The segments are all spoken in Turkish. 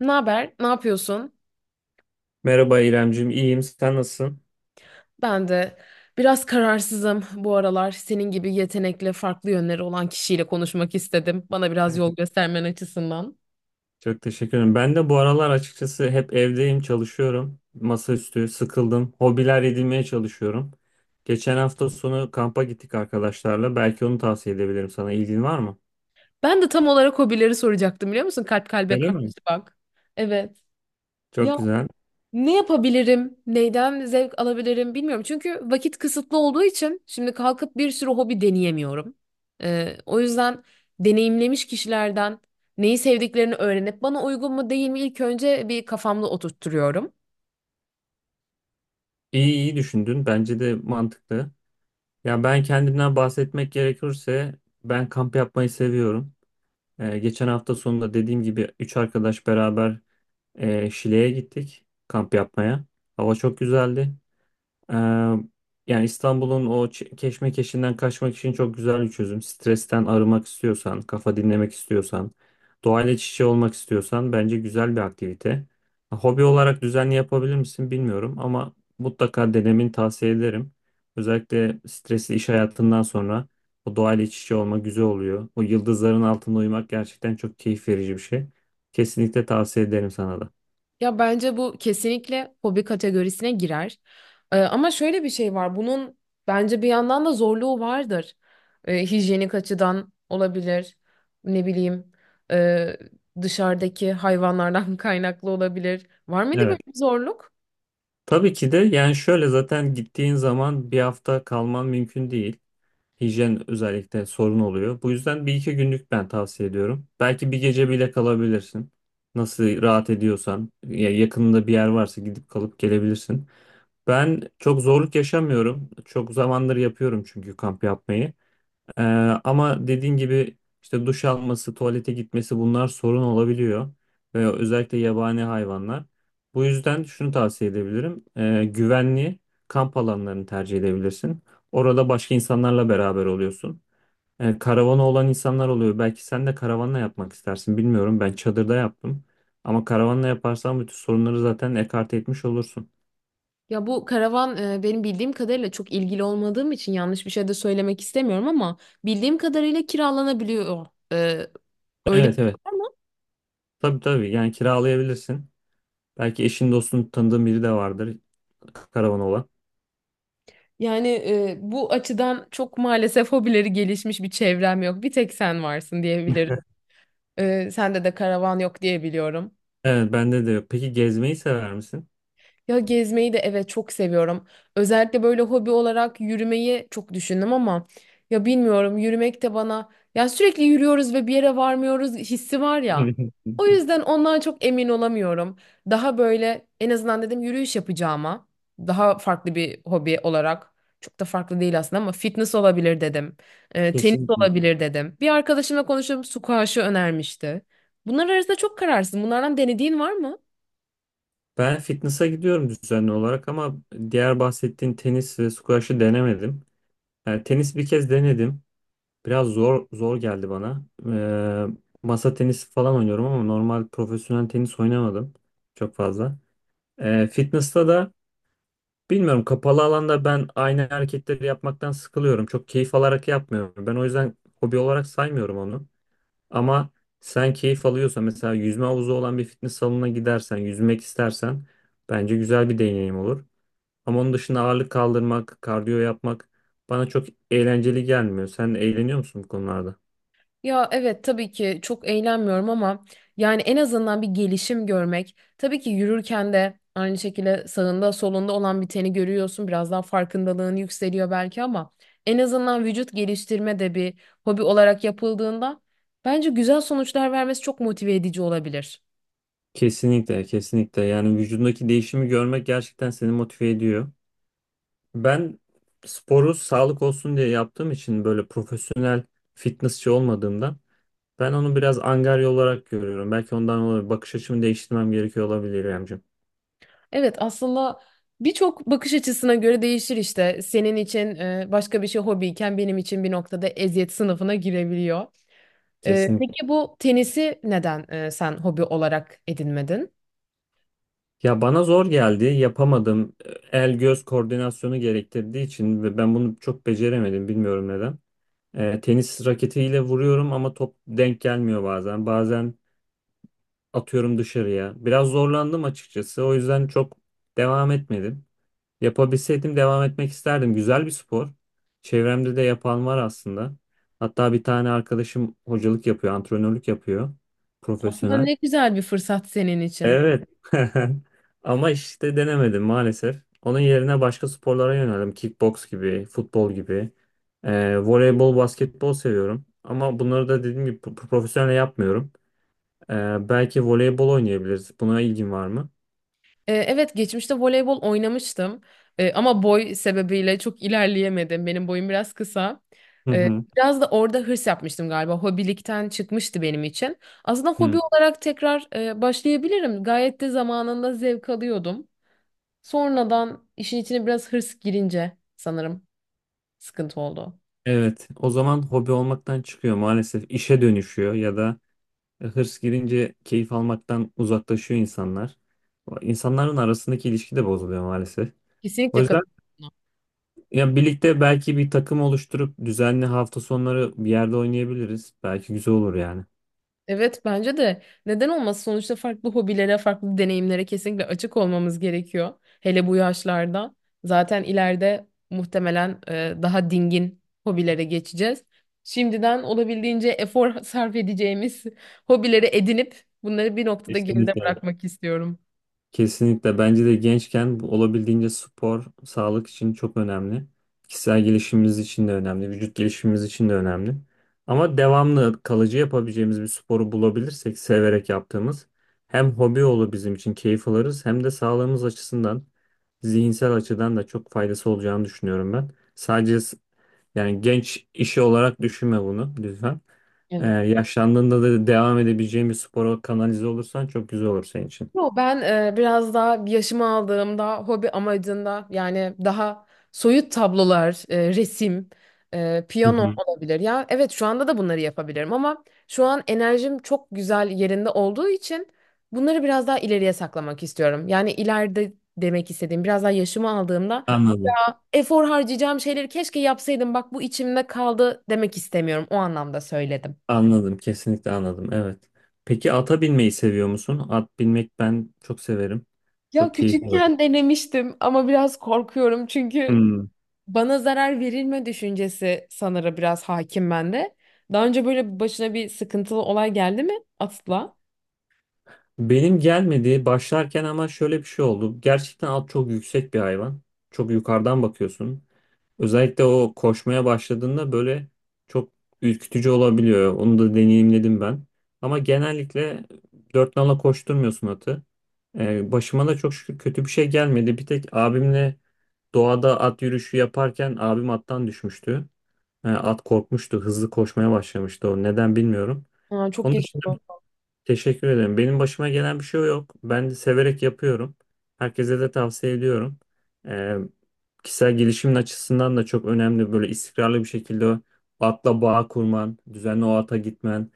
Ne haber? Ne yapıyorsun? Merhaba İremcim, iyiyim. Sen nasılsın? Ben de biraz kararsızım bu aralar. Senin gibi yetenekli, farklı yönleri olan kişiyle konuşmak istedim. Bana biraz yol göstermen açısından. Çok teşekkür ederim. Ben de bu aralar açıkçası hep evdeyim, çalışıyorum. Masaüstü, sıkıldım. Hobiler edinmeye çalışıyorum. Geçen hafta sonu kampa gittik arkadaşlarla. Belki onu tavsiye edebilirim sana. İlgin var mı? Ben de tam olarak hobileri soracaktım, biliyor musun? Kalp kalbe Öyle karşı mi? bak. Evet. Çok Ya, güzel. ne yapabilirim? Neyden zevk alabilirim bilmiyorum. Çünkü vakit kısıtlı olduğu için şimdi kalkıp bir sürü hobi deneyemiyorum. O yüzden deneyimlemiş kişilerden neyi sevdiklerini öğrenip bana uygun mu değil mi ilk önce bir kafamda oturtturuyorum. İyi iyi düşündün. Bence de mantıklı. Ya ben kendimden bahsetmek gerekirse ben kamp yapmayı seviyorum. Geçen hafta sonunda dediğim gibi üç arkadaş beraber Şile'ye gittik kamp yapmaya. Hava çok güzeldi. Ee, yani İstanbul'un o keşmekeşinden kaçmak için çok güzel bir çözüm. Stresten arınmak istiyorsan, kafa dinlemek istiyorsan, doğayla iç içe olmak istiyorsan bence güzel bir aktivite. Hobi olarak düzenli yapabilir misin bilmiyorum ama mutlaka denemeni tavsiye ederim. Özellikle stresli iş hayatından sonra o doğayla iç içe olma güzel oluyor. O yıldızların altında uyumak gerçekten çok keyif verici bir şey. Kesinlikle tavsiye ederim sana da. Ya, bence bu kesinlikle hobi kategorisine girer. Ama şöyle bir şey var. Bunun bence bir yandan da zorluğu vardır. Hijyenik açıdan olabilir. Ne bileyim, e, dışarıdaki hayvanlardan kaynaklı olabilir. Var mıydı böyle Evet. bir zorluk? Tabii ki de yani şöyle zaten gittiğin zaman bir hafta kalman mümkün değil. Hijyen özellikle sorun oluyor. Bu yüzden bir iki günlük ben tavsiye ediyorum. Belki bir gece bile kalabilirsin. Nasıl rahat ediyorsan ya yakınında bir yer varsa gidip kalıp gelebilirsin. Ben çok zorluk yaşamıyorum. Çok zamandır yapıyorum çünkü kamp yapmayı. Ee, ama dediğin gibi işte duş alması, tuvalete gitmesi bunlar sorun olabiliyor. Ve özellikle yabani hayvanlar. Bu yüzden şunu tavsiye edebilirim. Güvenli kamp alanlarını tercih edebilirsin. Orada başka insanlarla beraber oluyorsun. Karavana olan insanlar oluyor. Belki sen de karavanla yapmak istersin. Bilmiyorum. Ben çadırda yaptım. Ama karavanla yaparsan bütün sorunları zaten ekarte etmiş olursun. Ya bu karavan benim bildiğim kadarıyla çok ilgili olmadığım için yanlış bir şey de söylemek istemiyorum, ama bildiğim kadarıyla kiralanabiliyor. Ee, öyle Evet bir şey evet. var mı? Tabii tabii. Yani kiralayabilirsin. Belki eşin dostun tanıdığın biri de vardır karavan olan. Yani bu açıdan çok maalesef hobileri gelişmiş bir çevrem yok. Bir tek sen varsın diyebilirim. Sende de karavan yok diye biliyorum. Evet bende de yok. Peki gezmeyi sever misin? Ya gezmeyi de evet çok seviyorum. Özellikle böyle hobi olarak yürümeyi çok düşündüm ama ya bilmiyorum, yürümek de bana, ya sürekli yürüyoruz ve bir yere varmıyoruz hissi var ya. O yüzden ondan çok emin olamıyorum. Daha böyle en azından dedim yürüyüş yapacağıma daha farklı bir hobi olarak, çok da farklı değil aslında ama fitness olabilir dedim. Tenis Kesinlikle. olabilir dedim. Bir arkadaşımla konuşup squash'ı önermişti. Bunlar arasında çok kararsız. Bunlardan denediğin var mı? Ben fitness'a gidiyorum düzenli olarak ama diğer bahsettiğin tenis ve squash'ı denemedim. Yani tenis bir kez denedim. Biraz zor zor geldi bana. Masa tenisi falan oynuyorum ama normal profesyonel tenis oynamadım çok fazla. Fitness'ta da bilmiyorum kapalı alanda ben aynı hareketleri yapmaktan sıkılıyorum. Çok keyif alarak yapmıyorum. Ben o yüzden hobi olarak saymıyorum onu. Ama sen keyif alıyorsan mesela yüzme havuzu olan bir fitness salonuna gidersen, yüzmek istersen bence güzel bir deneyim olur. Ama onun dışında ağırlık kaldırmak, kardiyo yapmak bana çok eğlenceli gelmiyor. Sen eğleniyor musun bu konularda? Ya evet, tabii ki çok eğlenmiyorum ama yani en azından bir gelişim görmek. Tabii ki yürürken de aynı şekilde sağında solunda olan biteni görüyorsun. Biraz daha farkındalığın yükseliyor belki ama en azından vücut geliştirme de bir hobi olarak yapıldığında bence güzel sonuçlar vermesi çok motive edici olabilir. Kesinlikle, kesinlikle. Yani vücudundaki değişimi görmek gerçekten seni motive ediyor. Ben sporu sağlık olsun diye yaptığım için böyle profesyonel fitnessçi olmadığımdan ben onu biraz angarya olarak görüyorum. Belki ondan olabilir. Bakış açımı değiştirmem gerekiyor olabilir Emcim. Evet, aslında birçok bakış açısına göre değişir işte. Senin için başka bir şey hobiyken benim için bir noktada eziyet sınıfına girebiliyor. E, Kesinlikle. Peki bu tenisi neden sen hobi olarak edinmedin? Ya bana zor geldi, yapamadım. El göz koordinasyonu gerektirdiği için ve ben bunu çok beceremedim, bilmiyorum neden. Tenis raketiyle vuruyorum ama top denk gelmiyor bazen. Bazen atıyorum dışarıya. Biraz zorlandım açıkçası. O yüzden çok devam etmedim. Yapabilseydim devam etmek isterdim. Güzel bir spor. Çevremde de yapan var aslında. Hatta bir tane arkadaşım hocalık yapıyor, antrenörlük yapıyor, Aslında profesyonel. ne güzel bir fırsat senin için. Evet. Ama işte denemedim maalesef. Onun yerine başka sporlara yöneldim. Kickbox gibi, futbol gibi. Voleybol, basketbol seviyorum. Ama bunları da dediğim gibi profesyonel yapmıyorum. Belki voleybol oynayabiliriz. Buna ilgin var mı? Evet geçmişte voleybol oynamıştım, ama boy sebebiyle çok ilerleyemedim. Benim boyum biraz kısa. Hı E, hı. Biraz da orada hırs yapmıştım galiba. Hobilikten çıkmıştı benim için. Aslında hobi Hı. olarak tekrar başlayabilirim. Gayet de zamanında zevk alıyordum. Sonradan işin içine biraz hırs girince sanırım sıkıntı oldu. Evet, o zaman hobi olmaktan çıkıyor maalesef. İşe dönüşüyor ya da hırs girince keyif almaktan uzaklaşıyor insanlar. İnsanların arasındaki ilişki de bozuluyor maalesef. O Kesinlikle yüzden katılıyorum. Ya birlikte belki bir takım oluşturup düzenli hafta sonları bir yerde oynayabiliriz. Belki güzel olur yani. Evet, bence de neden olmaz, sonuçta farklı hobilere, farklı deneyimlere kesinlikle açık olmamız gerekiyor. Hele bu yaşlarda zaten ileride muhtemelen daha dingin hobilere geçeceğiz. Şimdiden olabildiğince efor sarf edeceğimiz hobileri edinip bunları bir noktada geride Kesinlikle. bırakmak istiyorum. Kesinlikle bence de gençken bu olabildiğince spor sağlık için çok önemli. Kişisel gelişimimiz için de önemli, vücut gelişimimiz için de önemli. Ama devamlı kalıcı yapabileceğimiz bir sporu bulabilirsek severek yaptığımız hem hobi olur bizim için keyif alırız hem de sağlığımız açısından zihinsel açıdan da çok faydası olacağını düşünüyorum ben. Yani genç işi olarak düşünme bunu lütfen. Evet. Yaşlandığında da devam edebileceğin bir spora kanalize olursan çok güzel olur senin için. Yo, ben biraz daha yaşımı aldığımda hobi amacında, yani daha soyut tablolar, resim, Hı. piyano Hı. olabilir. Ya evet, şu anda da bunları yapabilirim ama şu an enerjim çok güzel yerinde olduğu için bunları biraz daha ileriye saklamak istiyorum. Yani ileride demek istediğim, biraz daha yaşımı aldığımda Anladım. efor harcayacağım şeyleri keşke yapsaydım, bak bu içimde kaldı demek istemiyorum. O anlamda söyledim. Anladım. Kesinlikle anladım. Evet. Peki ata binmeyi seviyor musun? At binmek ben çok severim. Ya Çok keyif alırım. küçükken denemiştim ama biraz korkuyorum, çünkü Hmm. bana zarar verilme düşüncesi sanırım biraz hakim bende. Daha önce böyle başına bir sıkıntılı olay geldi mi atla? Benim gelmedi başlarken ama şöyle bir şey oldu. Gerçekten at çok yüksek bir hayvan. Çok yukarıdan bakıyorsun. Özellikle o koşmaya başladığında böyle çok ürkütücü olabiliyor. Onu da deneyimledim ben. Ama genellikle dört nala koşturmuyorsun atı. Başıma da çok şükür kötü bir şey gelmedi. Bir tek abimle doğada at yürüyüşü yaparken abim attan düşmüştü. At korkmuştu, hızlı koşmaya başlamıştı o. Neden bilmiyorum. Aa, çok Onun geç. Teşekkür ederim. Benim başıma gelen bir şey yok. Ben de severek yapıyorum. Herkese de tavsiye ediyorum. Ee, kişisel gelişimin açısından da çok önemli. Böyle istikrarlı bir şekilde o atla bağ kurman, düzenli o ata gitmen.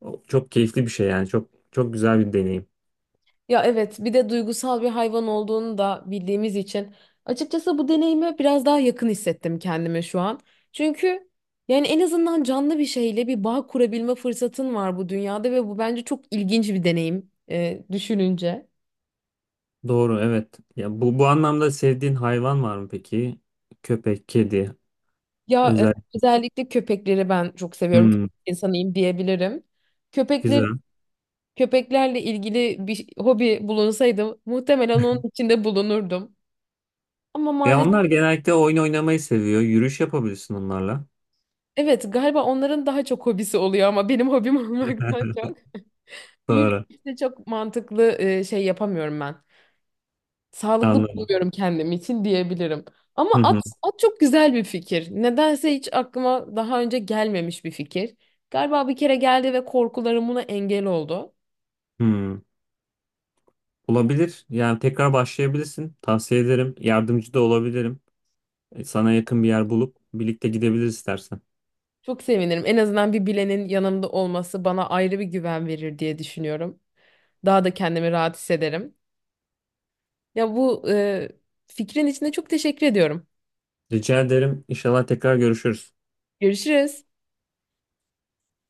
O çok keyifli bir şey yani. Çok çok güzel bir deneyim. Ya evet, bir de duygusal bir hayvan olduğunu da bildiğimiz için açıkçası bu deneyime biraz daha yakın hissettim kendimi şu an. Çünkü yani en azından canlı bir şeyle bir bağ kurabilme fırsatın var bu dünyada ve bu bence çok ilginç bir deneyim düşününce. Doğru, evet. Ya bu anlamda sevdiğin hayvan var mı peki? Köpek, kedi, Ya özel. özellikle köpekleri ben çok seviyorum. Köpek Hmm, insanıyım diyebilirim. Köpekleri güzel. köpeklerle ilgili bir hobi bulunsaydı muhtemelen onun içinde bulunurdum. Ama Ya maalesef. onlar genellikle oyun oynamayı seviyor. Yürüyüş yapabilirsin onlarla. Evet, galiba onların daha çok hobisi oluyor ama benim hobim olmaktan çok Doğru. yürüyüşte çok mantıklı şey yapamıyorum ben. Sağlıklı Anladım. bulmuyorum kendim için diyebilirim. Hı Ama at, hı. at çok güzel bir fikir. Nedense hiç aklıma daha önce gelmemiş bir fikir. Galiba bir kere geldi ve korkularım buna engel oldu. Hmm. Olabilir. Yani tekrar başlayabilirsin. Tavsiye ederim. Yardımcı da olabilirim. Sana yakın bir yer bulup birlikte gidebiliriz istersen. Çok sevinirim. En azından bir bilenin yanımda olması bana ayrı bir güven verir diye düşünüyorum. Daha da kendimi rahat hissederim. Ya bu fikrin içinde çok teşekkür ediyorum. Rica ederim. İnşallah tekrar görüşürüz. Görüşürüz.